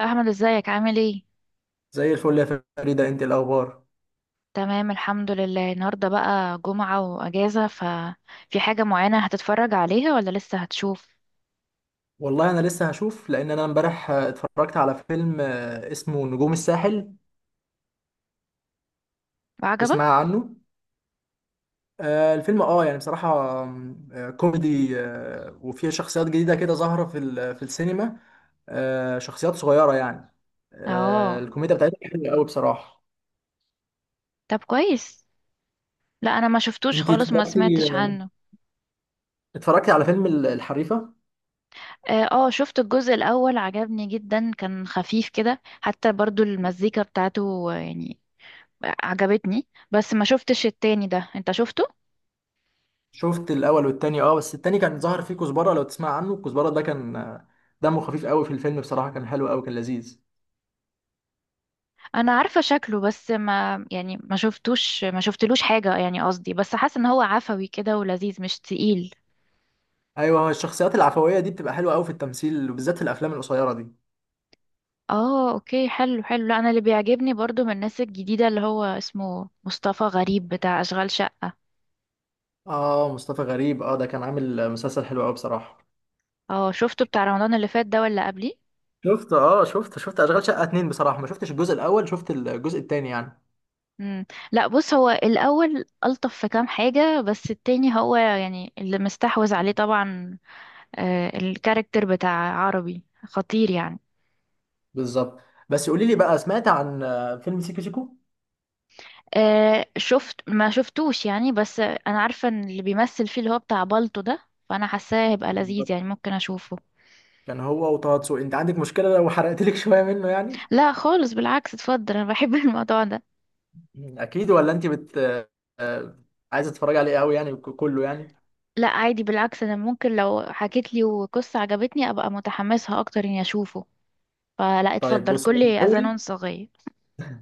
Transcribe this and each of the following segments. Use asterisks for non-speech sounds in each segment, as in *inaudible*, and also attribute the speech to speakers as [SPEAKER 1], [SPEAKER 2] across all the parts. [SPEAKER 1] احمد، ازيك عامل ايه؟
[SPEAKER 2] زي الفل يا فريدة، انت الاخبار؟
[SPEAKER 1] تمام، الحمد لله. النهارده بقى جمعة واجازة، ففي حاجة معينة هتتفرج عليها ولا لسه هتشوف؟
[SPEAKER 2] والله انا لسه هشوف لان انا امبارح، اتفرجت على فيلم اسمه نجوم الساحل.
[SPEAKER 1] عجبك؟
[SPEAKER 2] تسمع عنه؟ الفيلم يعني بصراحة كوميدي، وفيه شخصيات جديدة كده ظاهرة في السينما. شخصيات صغيرة يعني.
[SPEAKER 1] اه.
[SPEAKER 2] الكوميديا بتاعتها حلوة قوي بصراحة.
[SPEAKER 1] طب، كويس. لا، انا ما شفتوش
[SPEAKER 2] انت
[SPEAKER 1] خالص، ما سمعتش
[SPEAKER 2] اتفرجتي؟
[SPEAKER 1] عنه.
[SPEAKER 2] اتفرجتي على فيلم الحريفة.
[SPEAKER 1] اه. شفت الجزء الاول، عجبني جدا، كان خفيف كده، حتى برضو المزيكا بتاعته، يعني عجبتني. بس ما شفتش التاني، ده انت شفته؟
[SPEAKER 2] شفت الاول والتاني، بس التاني كان ظاهر فيه كزبرة، لو تسمع عنه، الكزبرة ده كان دمه خفيف قوي في الفيلم، بصراحة كان حلو قوي، كان لذيذ.
[SPEAKER 1] انا عارفه شكله، بس ما يعني، ما شفتوش، ما شفتلوش حاجه يعني، قصدي بس حاسه ان هو عفوي كده ولذيذ، مش تقيل.
[SPEAKER 2] ايوه، هو الشخصيات العفويه دي بتبقى حلوه قوي في التمثيل، وبالذات في الافلام القصيره دي.
[SPEAKER 1] اه، اوكي. حلو حلو. لا، انا اللي بيعجبني برضو من الناس الجديده اللي هو اسمه مصطفى غريب، بتاع اشغال شقه.
[SPEAKER 2] اه، مصطفى غريب، ده كان عامل مسلسل حلو قوي بصراحه.
[SPEAKER 1] اه، شفته بتاع رمضان اللي فات ده ولا قبليه؟
[SPEAKER 2] شفت اه شفت شفت اشغال شقه اتنين، بصراحه ما شفتش الجزء الاول، شفت الجزء التاني يعني.
[SPEAKER 1] امم. لا، بص، هو الاول الطف في كام حاجه، بس التاني هو يعني اللي مستحوذ عليه طبعا. آه، الكاركتر بتاع عربي خطير يعني.
[SPEAKER 2] بالظبط. بس قولي لي بقى، سمعت عن فيلم سيكو سيكو؟
[SPEAKER 1] شفت، ما شفتوش يعني، بس انا عارفه ان اللي بيمثل فيه اللي هو بتاع بالتو ده، فانا حاساه هيبقى لذيذ
[SPEAKER 2] بالظبط.
[SPEAKER 1] يعني، ممكن اشوفه.
[SPEAKER 2] كان هو وطه دسوقي. انت عندك مشكله لو حرقت لك *laughs* شويه منه يعني؟
[SPEAKER 1] لا خالص، بالعكس، اتفضل. انا بحب *laughs* الموضوع ده.
[SPEAKER 2] اكيد؟ ولا انت بت آه، آه، عايزه تتفرجي عليه قوي يعني، كله يعني؟
[SPEAKER 1] لا، عادي، بالعكس. انا ممكن لو حكيت لي وقصه عجبتني ابقى متحمسها اكتر اني اشوفه، فلا
[SPEAKER 2] طيب
[SPEAKER 1] اتفضل،
[SPEAKER 2] بص، هو
[SPEAKER 1] كل
[SPEAKER 2] في الاول
[SPEAKER 1] اذان صغير.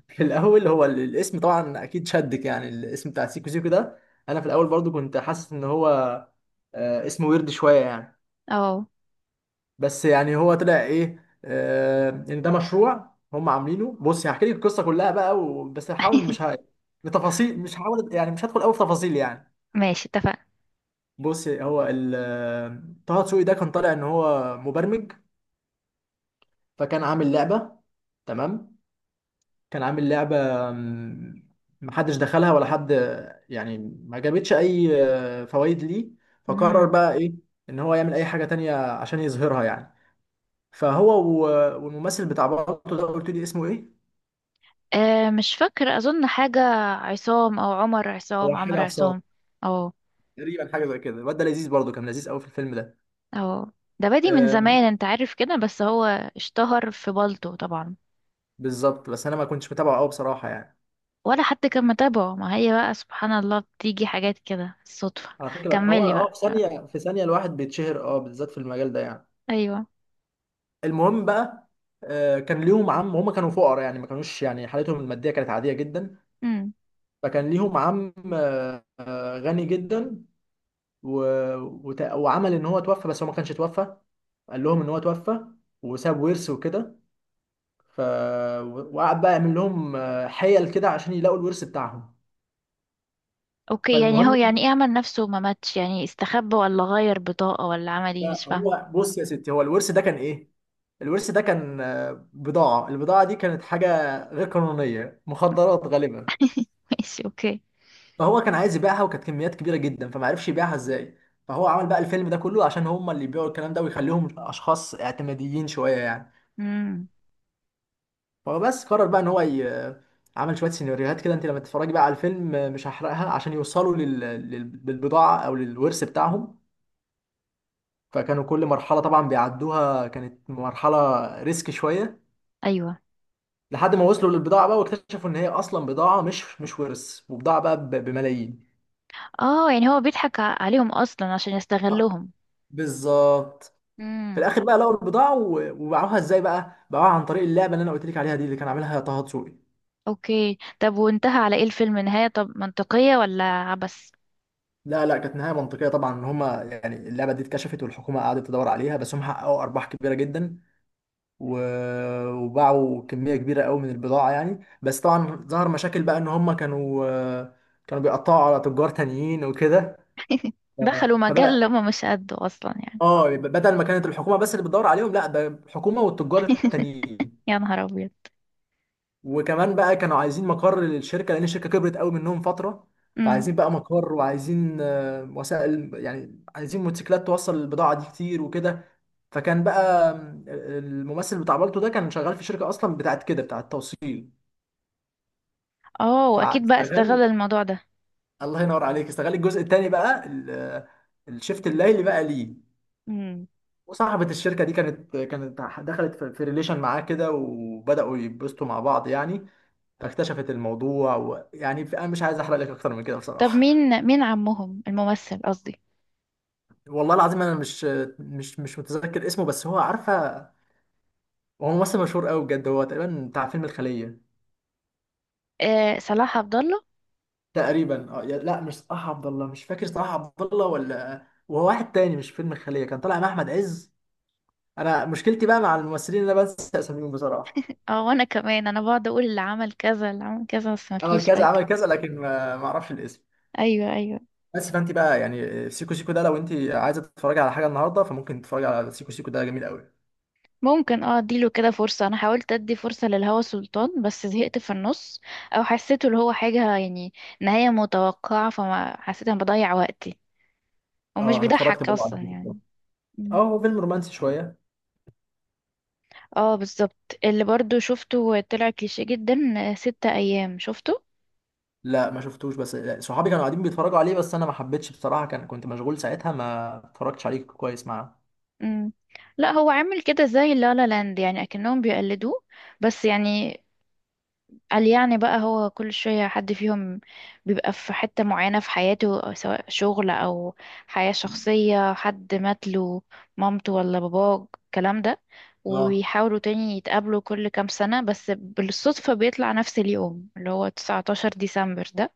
[SPEAKER 2] في الاول هو الاسم طبعا اكيد شدك، يعني الاسم بتاع سيكو سيكو ده. انا في الاول برضو كنت حاسس ان هو اسمه ويرد شويه يعني.
[SPEAKER 1] اه.
[SPEAKER 2] بس يعني هو طلع ايه؟ ان ده مشروع هم عاملينه. بص، هحكي لك القصه كلها بقى، بس هحاول، مش ه...
[SPEAKER 1] *laughs*
[SPEAKER 2] بتفاصيل، مش هحاول يعني مش هدخل قوي في تفاصيل يعني.
[SPEAKER 1] ماشي، اتفقنا.
[SPEAKER 2] بص، هو ال... آه، طه دسوقي ده كان طالع ان هو مبرمج، فكان عامل لعبه. تمام. كان عامل لعبة، مم، محدش دخلها ولا حد يعني، ما جابتش أي فوائد ليه. فقرر
[SPEAKER 1] مم.
[SPEAKER 2] بقى إيه؟ إن هو يعمل أي حاجة تانية عشان يظهرها يعني. فهو والممثل بتاع بالطو ده، قلت لي اسمه إيه؟
[SPEAKER 1] مش فاكره، اظن حاجه عصام او عمر عصام،
[SPEAKER 2] هو حاجة
[SPEAKER 1] عمرو
[SPEAKER 2] عصام،
[SPEAKER 1] عصام. اه،
[SPEAKER 2] تقريبا حاجة زي كده. الواد ده لذيذ، برضه كان لذيذ قوي في الفيلم ده.
[SPEAKER 1] اه. ده بادي من
[SPEAKER 2] آه
[SPEAKER 1] زمان، انت عارف كده، بس هو اشتهر في بلطو طبعا.
[SPEAKER 2] بالظبط، بس أنا ما كنتش متابعه قوي بصراحة يعني.
[SPEAKER 1] ولا حد كان متابعه، ما هي بقى سبحان الله، بتيجي حاجات كده الصدفة.
[SPEAKER 2] على فكرة، هو
[SPEAKER 1] كملي بقى.
[SPEAKER 2] في
[SPEAKER 1] ها.
[SPEAKER 2] ثانية في ثانية الواحد بيتشهر، بالذات في المجال ده يعني.
[SPEAKER 1] ايوه.
[SPEAKER 2] المهم بقى، كان ليهم عم، هم كانوا فقراء يعني، ما كانوش يعني، حالتهم الماديه كانت عاديه جدا.
[SPEAKER 1] امم.
[SPEAKER 2] فكان ليهم عم غني جدا، و... وعمل ان هو توفى بس هو ما كانش توفى، قال لهم ان هو توفى وساب ورث وكده. ف وقعد بقى يعمل لهم حيل كده عشان يلاقوا الورث بتاعهم.
[SPEAKER 1] اوكي، يعني هو
[SPEAKER 2] فالمهم،
[SPEAKER 1] يعني ايه؟ عمل نفسه ما ماتش يعني؟ استخبى ولا غير بطاقة ولا عمل ايه؟ مش فاهمه.
[SPEAKER 2] هو بص يا ستي، هو الورث ده كان ايه؟ الورث ده كان بضاعة. البضاعة دي كانت حاجة غير قانونية، مخدرات غالبا.
[SPEAKER 1] *laughs* ماشي، اوكي.
[SPEAKER 2] فهو كان عايز يبيعها، وكانت كميات كبيره جدا، فما عرفش يبيعها ازاي. فهو عمل بقى الفيلم ده كله عشان هم اللي يبيعوا الكلام ده، ويخليهم اشخاص اعتماديين شويه يعني.
[SPEAKER 1] امم.
[SPEAKER 2] فبس قرر بقى ان هو عمل شويه سيناريوهات كده. انت لما تتفرجي بقى على الفيلم، مش هحرقها، عشان يوصلوا للبضاعه او للورث بتاعهم. فكانوا كل مرحله طبعا بيعدوها كانت مرحله ريسك شويه،
[SPEAKER 1] ايوه.
[SPEAKER 2] لحد ما وصلوا للبضاعه بقى، واكتشفوا ان هي اصلا بضاعه، مش ورث، وبضاعه بقى بملايين.
[SPEAKER 1] اه، يعني هو بيضحك عليهم اصلا عشان يستغلهم.
[SPEAKER 2] بالظبط. في
[SPEAKER 1] امم.
[SPEAKER 2] الاخر بقى لقوا البضاعه، وباعوها ازاي بقى؟ باعوها عن طريق اللعبه اللي انا قلت لك عليها دي، اللي كان عاملها طه دسوقي.
[SPEAKER 1] اوكي. طب وانتهى على ايه الفيلم؟ نهاية طب منطقية ولا عبس؟
[SPEAKER 2] لا لا، كانت نهايه منطقيه طبعا، ان هم يعني اللعبه دي اتكشفت، والحكومه قعدت تدور عليها، بس هم حققوا ارباح كبيره جدا، و... وباعوا كميه كبيره قوي من البضاعه يعني. بس طبعا ظهر مشاكل بقى، ان هم كانوا بيقطعوا على تجار تانيين وكده. ف-
[SPEAKER 1] دخلوا مجال
[SPEAKER 2] فبقى،
[SPEAKER 1] اللي هما مش قده اصلا يعني.
[SPEAKER 2] اه بدل ما كانت الحكومه بس اللي بتدور عليهم، لا، ده الحكومه والتجار التانيين.
[SPEAKER 1] يا نهار ابيض!
[SPEAKER 2] وكمان بقى كانوا عايزين مقر للشركه، لان الشركه كبرت قوي منهم فتره.
[SPEAKER 1] امم.
[SPEAKER 2] فعايزين بقى مقر، وعايزين وسائل يعني، عايزين موتوسيكلات توصل البضاعه دي كتير وكده. فكان بقى الممثل بتاع بالتو ده كان شغال في شركه اصلا بتاعت كده، بتاعت توصيل.
[SPEAKER 1] اه، واكيد بقى
[SPEAKER 2] فاستغل.
[SPEAKER 1] استغل الموضوع ده.
[SPEAKER 2] الله ينور عليك. استغل الجزء التاني بقى، الشيفت الليلي بقى ليه.
[SPEAKER 1] امم.
[SPEAKER 2] وصاحبة الشركة دي كانت دخلت في ريليشن معاه كده، وبدأوا يتبسطوا مع بعض يعني. فاكتشفت الموضوع، ويعني انا مش عايز احرق لك اكتر من كده
[SPEAKER 1] طب
[SPEAKER 2] بصراحة.
[SPEAKER 1] مين، مين عمهم، الممثل قصدي؟
[SPEAKER 2] والله العظيم انا مش متذكر اسمه، بس هو عارفه. هو ممثل مشهور قوي بجد، هو تقريبا بتاع فيلم الخليه.
[SPEAKER 1] آه، صلاح عبد الله.
[SPEAKER 2] تقريبا لا، مش صلاح عبد الله، مش فاكر. صلاح عبد الله ولا وهو واحد تاني؟ مش فيلم الخليه، كان طالع مع احمد عز. انا مشكلتي بقى مع الممثلين ان انا بنسى اساميهم بصراحه.
[SPEAKER 1] اه، وانا كمان انا بقعد اقول اللي عمل كذا اللي عمل كذا، بس
[SPEAKER 2] عمل
[SPEAKER 1] مفيش
[SPEAKER 2] كذا،
[SPEAKER 1] فايده.
[SPEAKER 2] عمل كذا، لكن ما اعرفش الاسم.
[SPEAKER 1] ايوه، ايوه.
[SPEAKER 2] بس، فانت بقى يعني سيكو سيكو ده، لو انت عايزه تتفرجي على حاجه النهارده، فممكن تتفرجي على سيكو سيكو ده، جميل قوي.
[SPEAKER 1] ممكن. اه، اديله كده فرصه. انا حاولت ادي فرصه للهوى سلطان، بس زهقت في النص، او حسيته اللي هو حاجه يعني، نهايه متوقعه، فما حسيت انا بضيع وقتي، ومش
[SPEAKER 2] اه، انا اتفرجت
[SPEAKER 1] بيضحك
[SPEAKER 2] برضه على
[SPEAKER 1] اصلا يعني.
[SPEAKER 2] اه هو فيلم رومانسي شويه.
[SPEAKER 1] اه، بالظبط، اللي برضو شفته طلع كليشيه جدا. ستة ايام شفته؟
[SPEAKER 2] لا ما شفتوش، بس صحابي كانوا قاعدين بيتفرجوا عليه، بس انا ما حبيتش بصراحه، كنت مشغول ساعتها، ما اتفرجتش عليه كويس معاه.
[SPEAKER 1] مم. لا، هو عامل كده زي لا لا لاند يعني، اكنهم بيقلدوه. بس يعني، قال يعني بقى، هو كل شوية حد فيهم بيبقى في حتة معينة في حياته، أو سواء شغل او حياة شخصية، حد مات له، مامته ولا باباه، الكلام ده،
[SPEAKER 2] اه.
[SPEAKER 1] ويحاولوا تاني يتقابلوا كل كام سنة، بس بالصدفة بيطلع نفس اليوم اللي هو 19 ديسمبر ده،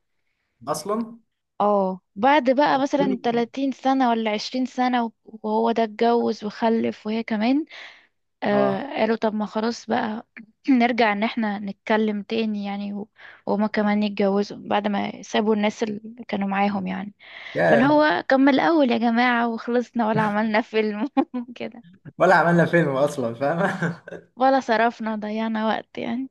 [SPEAKER 2] اصلا.
[SPEAKER 1] اه، بعد بقى مثلا 30 سنة ولا 20 سنة، وهو ده اتجوز وخلف وهي كمان.
[SPEAKER 2] اه.
[SPEAKER 1] قالوا طب، ما خلاص بقى، *clears throat* نرجع ان احنا نتكلم تاني يعني، وهما كمان يتجوزوا بعد ما سابوا الناس اللي كانوا معاهم يعني، فاللي
[SPEAKER 2] ياه.
[SPEAKER 1] هو كمل الأول يا جماعة وخلصنا، ولا عملنا فيلم *laughs* كده،
[SPEAKER 2] ولا عملنا فيلم اصلا، فاهم؟
[SPEAKER 1] ولا صرفنا وضيعنا وقت يعني.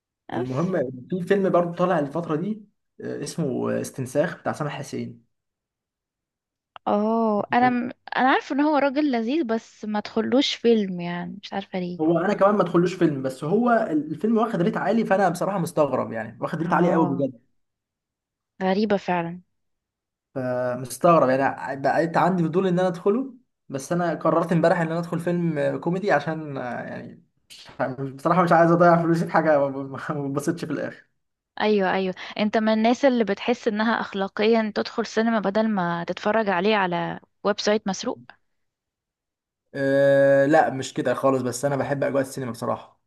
[SPEAKER 2] *laughs*
[SPEAKER 1] بس.
[SPEAKER 2] المهم، في فيلم برضه طالع الفتره دي، اسمه استنساخ، بتاع سامح حسين.
[SPEAKER 1] اه، انا عارفه ان هو راجل لذيذ، بس ما تخلوش فيلم يعني، مش عارفه ليه.
[SPEAKER 2] هو انا كمان ما ادخلوش فيلم، بس هو الفيلم واخد ريت عالي، فانا بصراحه مستغرب يعني، واخد ريت عالي قوي
[SPEAKER 1] اه،
[SPEAKER 2] بجد.
[SPEAKER 1] غريبه فعلا.
[SPEAKER 2] فمستغرب، يعني بقيت عندي فضول ان انا ادخله. بس انا قررت امبارح ان انا ادخل فيلم كوميدي، عشان يعني، مش عارف- بصراحة مش عايز اضيع فلوسي في حاجة ما بتبسطش في الاخر.
[SPEAKER 1] ايوه، ايوه. انت من الناس اللي بتحس انها اخلاقيا تدخل سينما بدل ما تتفرج عليه على ويب سايت مسروق؟
[SPEAKER 2] أه لا، مش كده خالص، بس انا بحب اجواء السينما بصراحة.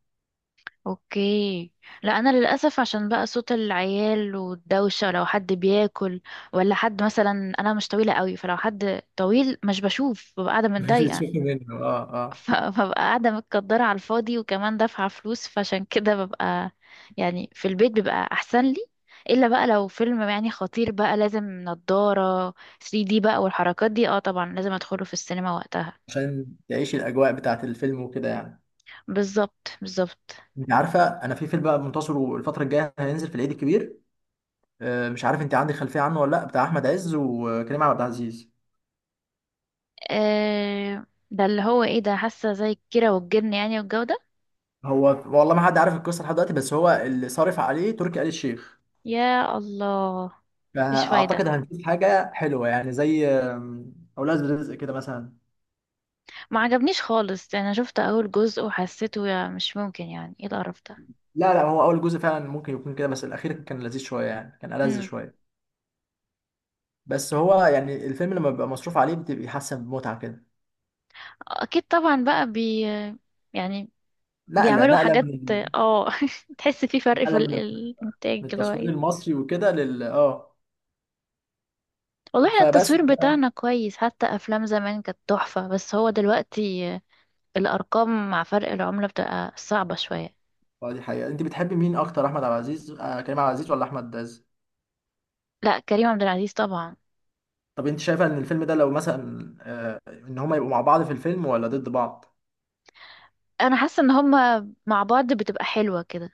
[SPEAKER 1] اوكي. لا، انا للاسف عشان بقى صوت العيال والدوشه، لو حد بياكل ولا حد مثلا، انا مش طويله قوي فلو حد طويل مش بشوف، ببقى قاعده
[SPEAKER 2] *laughs* مش
[SPEAKER 1] متضايقه،
[SPEAKER 2] بتشوف منه، اه اه.
[SPEAKER 1] فببقى قاعدة متقدرة على الفاضي، وكمان دافعة فلوس، فعشان كده ببقى، يعني في البيت بيبقى أحسن لي. إلا بقى لو فيلم يعني خطير بقى لازم نضارة 3D بقى والحركات دي، اه طبعا لازم أدخله في السينما وقتها.
[SPEAKER 2] عشان تعيش الاجواء بتاعت الفيلم وكده يعني.
[SPEAKER 1] بالظبط، بالظبط.
[SPEAKER 2] انت عارفة انا، في فيلم بقى منتصر الفترة الجاية، هينزل في العيد الكبير، أه. مش عارف انت عندك خلفية عنه ولا لا، بتاع احمد عز وكريم عبد العزيز.
[SPEAKER 1] آه، ده اللي هو ايه، ده حاسة زي الكيرة والجن يعني، والجو ده.
[SPEAKER 2] هو والله ما حد عارف القصه لحد دلوقتي، بس هو اللي صارف عليه تركي آل الشيخ.
[SPEAKER 1] يا الله. مش
[SPEAKER 2] فاعتقد
[SPEAKER 1] فايدة.
[SPEAKER 2] هنشوف حاجه حلوه يعني، زي اولاد رزق كده مثلا.
[SPEAKER 1] ما عجبنيش خالص، انا شفت اول جزء وحسيته، يا مش ممكن، يعني ايه القرف ده؟
[SPEAKER 2] لا لا، هو اول جزء فعلا ممكن يكون كده، بس الاخير كان لذيذ شويه يعني، كان ألذ
[SPEAKER 1] مم.
[SPEAKER 2] شويه. بس هو يعني الفيلم لما بيبقى مصروف عليه بتبقى حاسه بمتعه كده.
[SPEAKER 1] اكيد طبعا بقى، يعني
[SPEAKER 2] نقله
[SPEAKER 1] بيعملوا
[SPEAKER 2] نقله
[SPEAKER 1] حاجات.
[SPEAKER 2] من
[SPEAKER 1] اه. *laughs* تحس في فرق في
[SPEAKER 2] نقله من
[SPEAKER 1] الانتاج
[SPEAKER 2] من
[SPEAKER 1] اللي هو
[SPEAKER 2] التصوير
[SPEAKER 1] ايه.
[SPEAKER 2] المصري وكده لل اه.
[SPEAKER 1] والله احنا
[SPEAKER 2] فبس.
[SPEAKER 1] التصوير بتاعنا كويس، حتى افلام زمان كانت تحفة، بس هو دلوقتي الارقام مع فرق العملة بتبقى صعبة شوية.
[SPEAKER 2] اه، دي حقيقه. انت بتحبي مين اكتر، احمد عبد العزيز، كريم عبد العزيز ولا احمد عز؟
[SPEAKER 1] لا، كريم عبد العزيز طبعا.
[SPEAKER 2] طب انت شايفه ان الفيلم ده، لو مثلا ان هما يبقوا مع بعض في الفيلم، ولا ضد بعض؟
[SPEAKER 1] انا حاسة ان هما مع بعض بتبقى حلوة كده.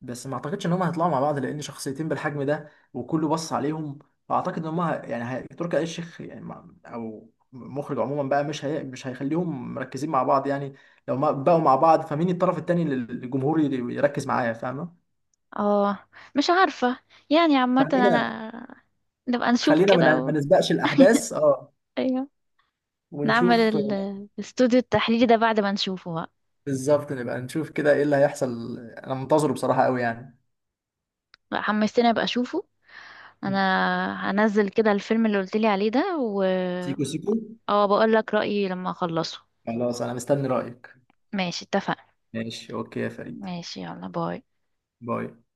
[SPEAKER 2] بس ما اعتقدش ان هما هيطلعوا مع بعض، لان شخصيتين بالحجم ده، وكله بص عليهم. فاعتقد ان هما تركي آل الشيخ يعني، او مخرج عموما بقى، مش هيخليهم مركزين مع بعض يعني. لو ما بقوا مع بعض، فمين الطرف التاني اللي الجمهور يركز معاه؟ فاهمه؟
[SPEAKER 1] اه، مش عارفة، يعني عامة
[SPEAKER 2] خلينا
[SPEAKER 1] انا نبقى
[SPEAKER 2] *laughs*
[SPEAKER 1] نشوف
[SPEAKER 2] خلينا
[SPEAKER 1] كده و...
[SPEAKER 2] ما نسبقش الاحداث، اه.
[SPEAKER 1] ايوه، نعمل
[SPEAKER 2] ونشوف
[SPEAKER 1] الاستوديو التحليلي ده بعد ما نشوفه بقى.
[SPEAKER 2] بالظبط، نبقى نشوف كده ايه اللي هيحصل. انا منتظره بصراحه قوي يعني.
[SPEAKER 1] لا، حمستني ابقى اشوفه. انا هنزل كده الفيلم اللي قلت لي عليه ده، و...
[SPEAKER 2] سيكو سيكو.
[SPEAKER 1] اه، بقول لك رأيي لما اخلصه.
[SPEAKER 2] خلاص انا مستني رأيك.
[SPEAKER 1] ماشي، اتفقنا.
[SPEAKER 2] ماشي اوكي يا فريد.
[SPEAKER 1] ماشي، يلا باي.
[SPEAKER 2] باي.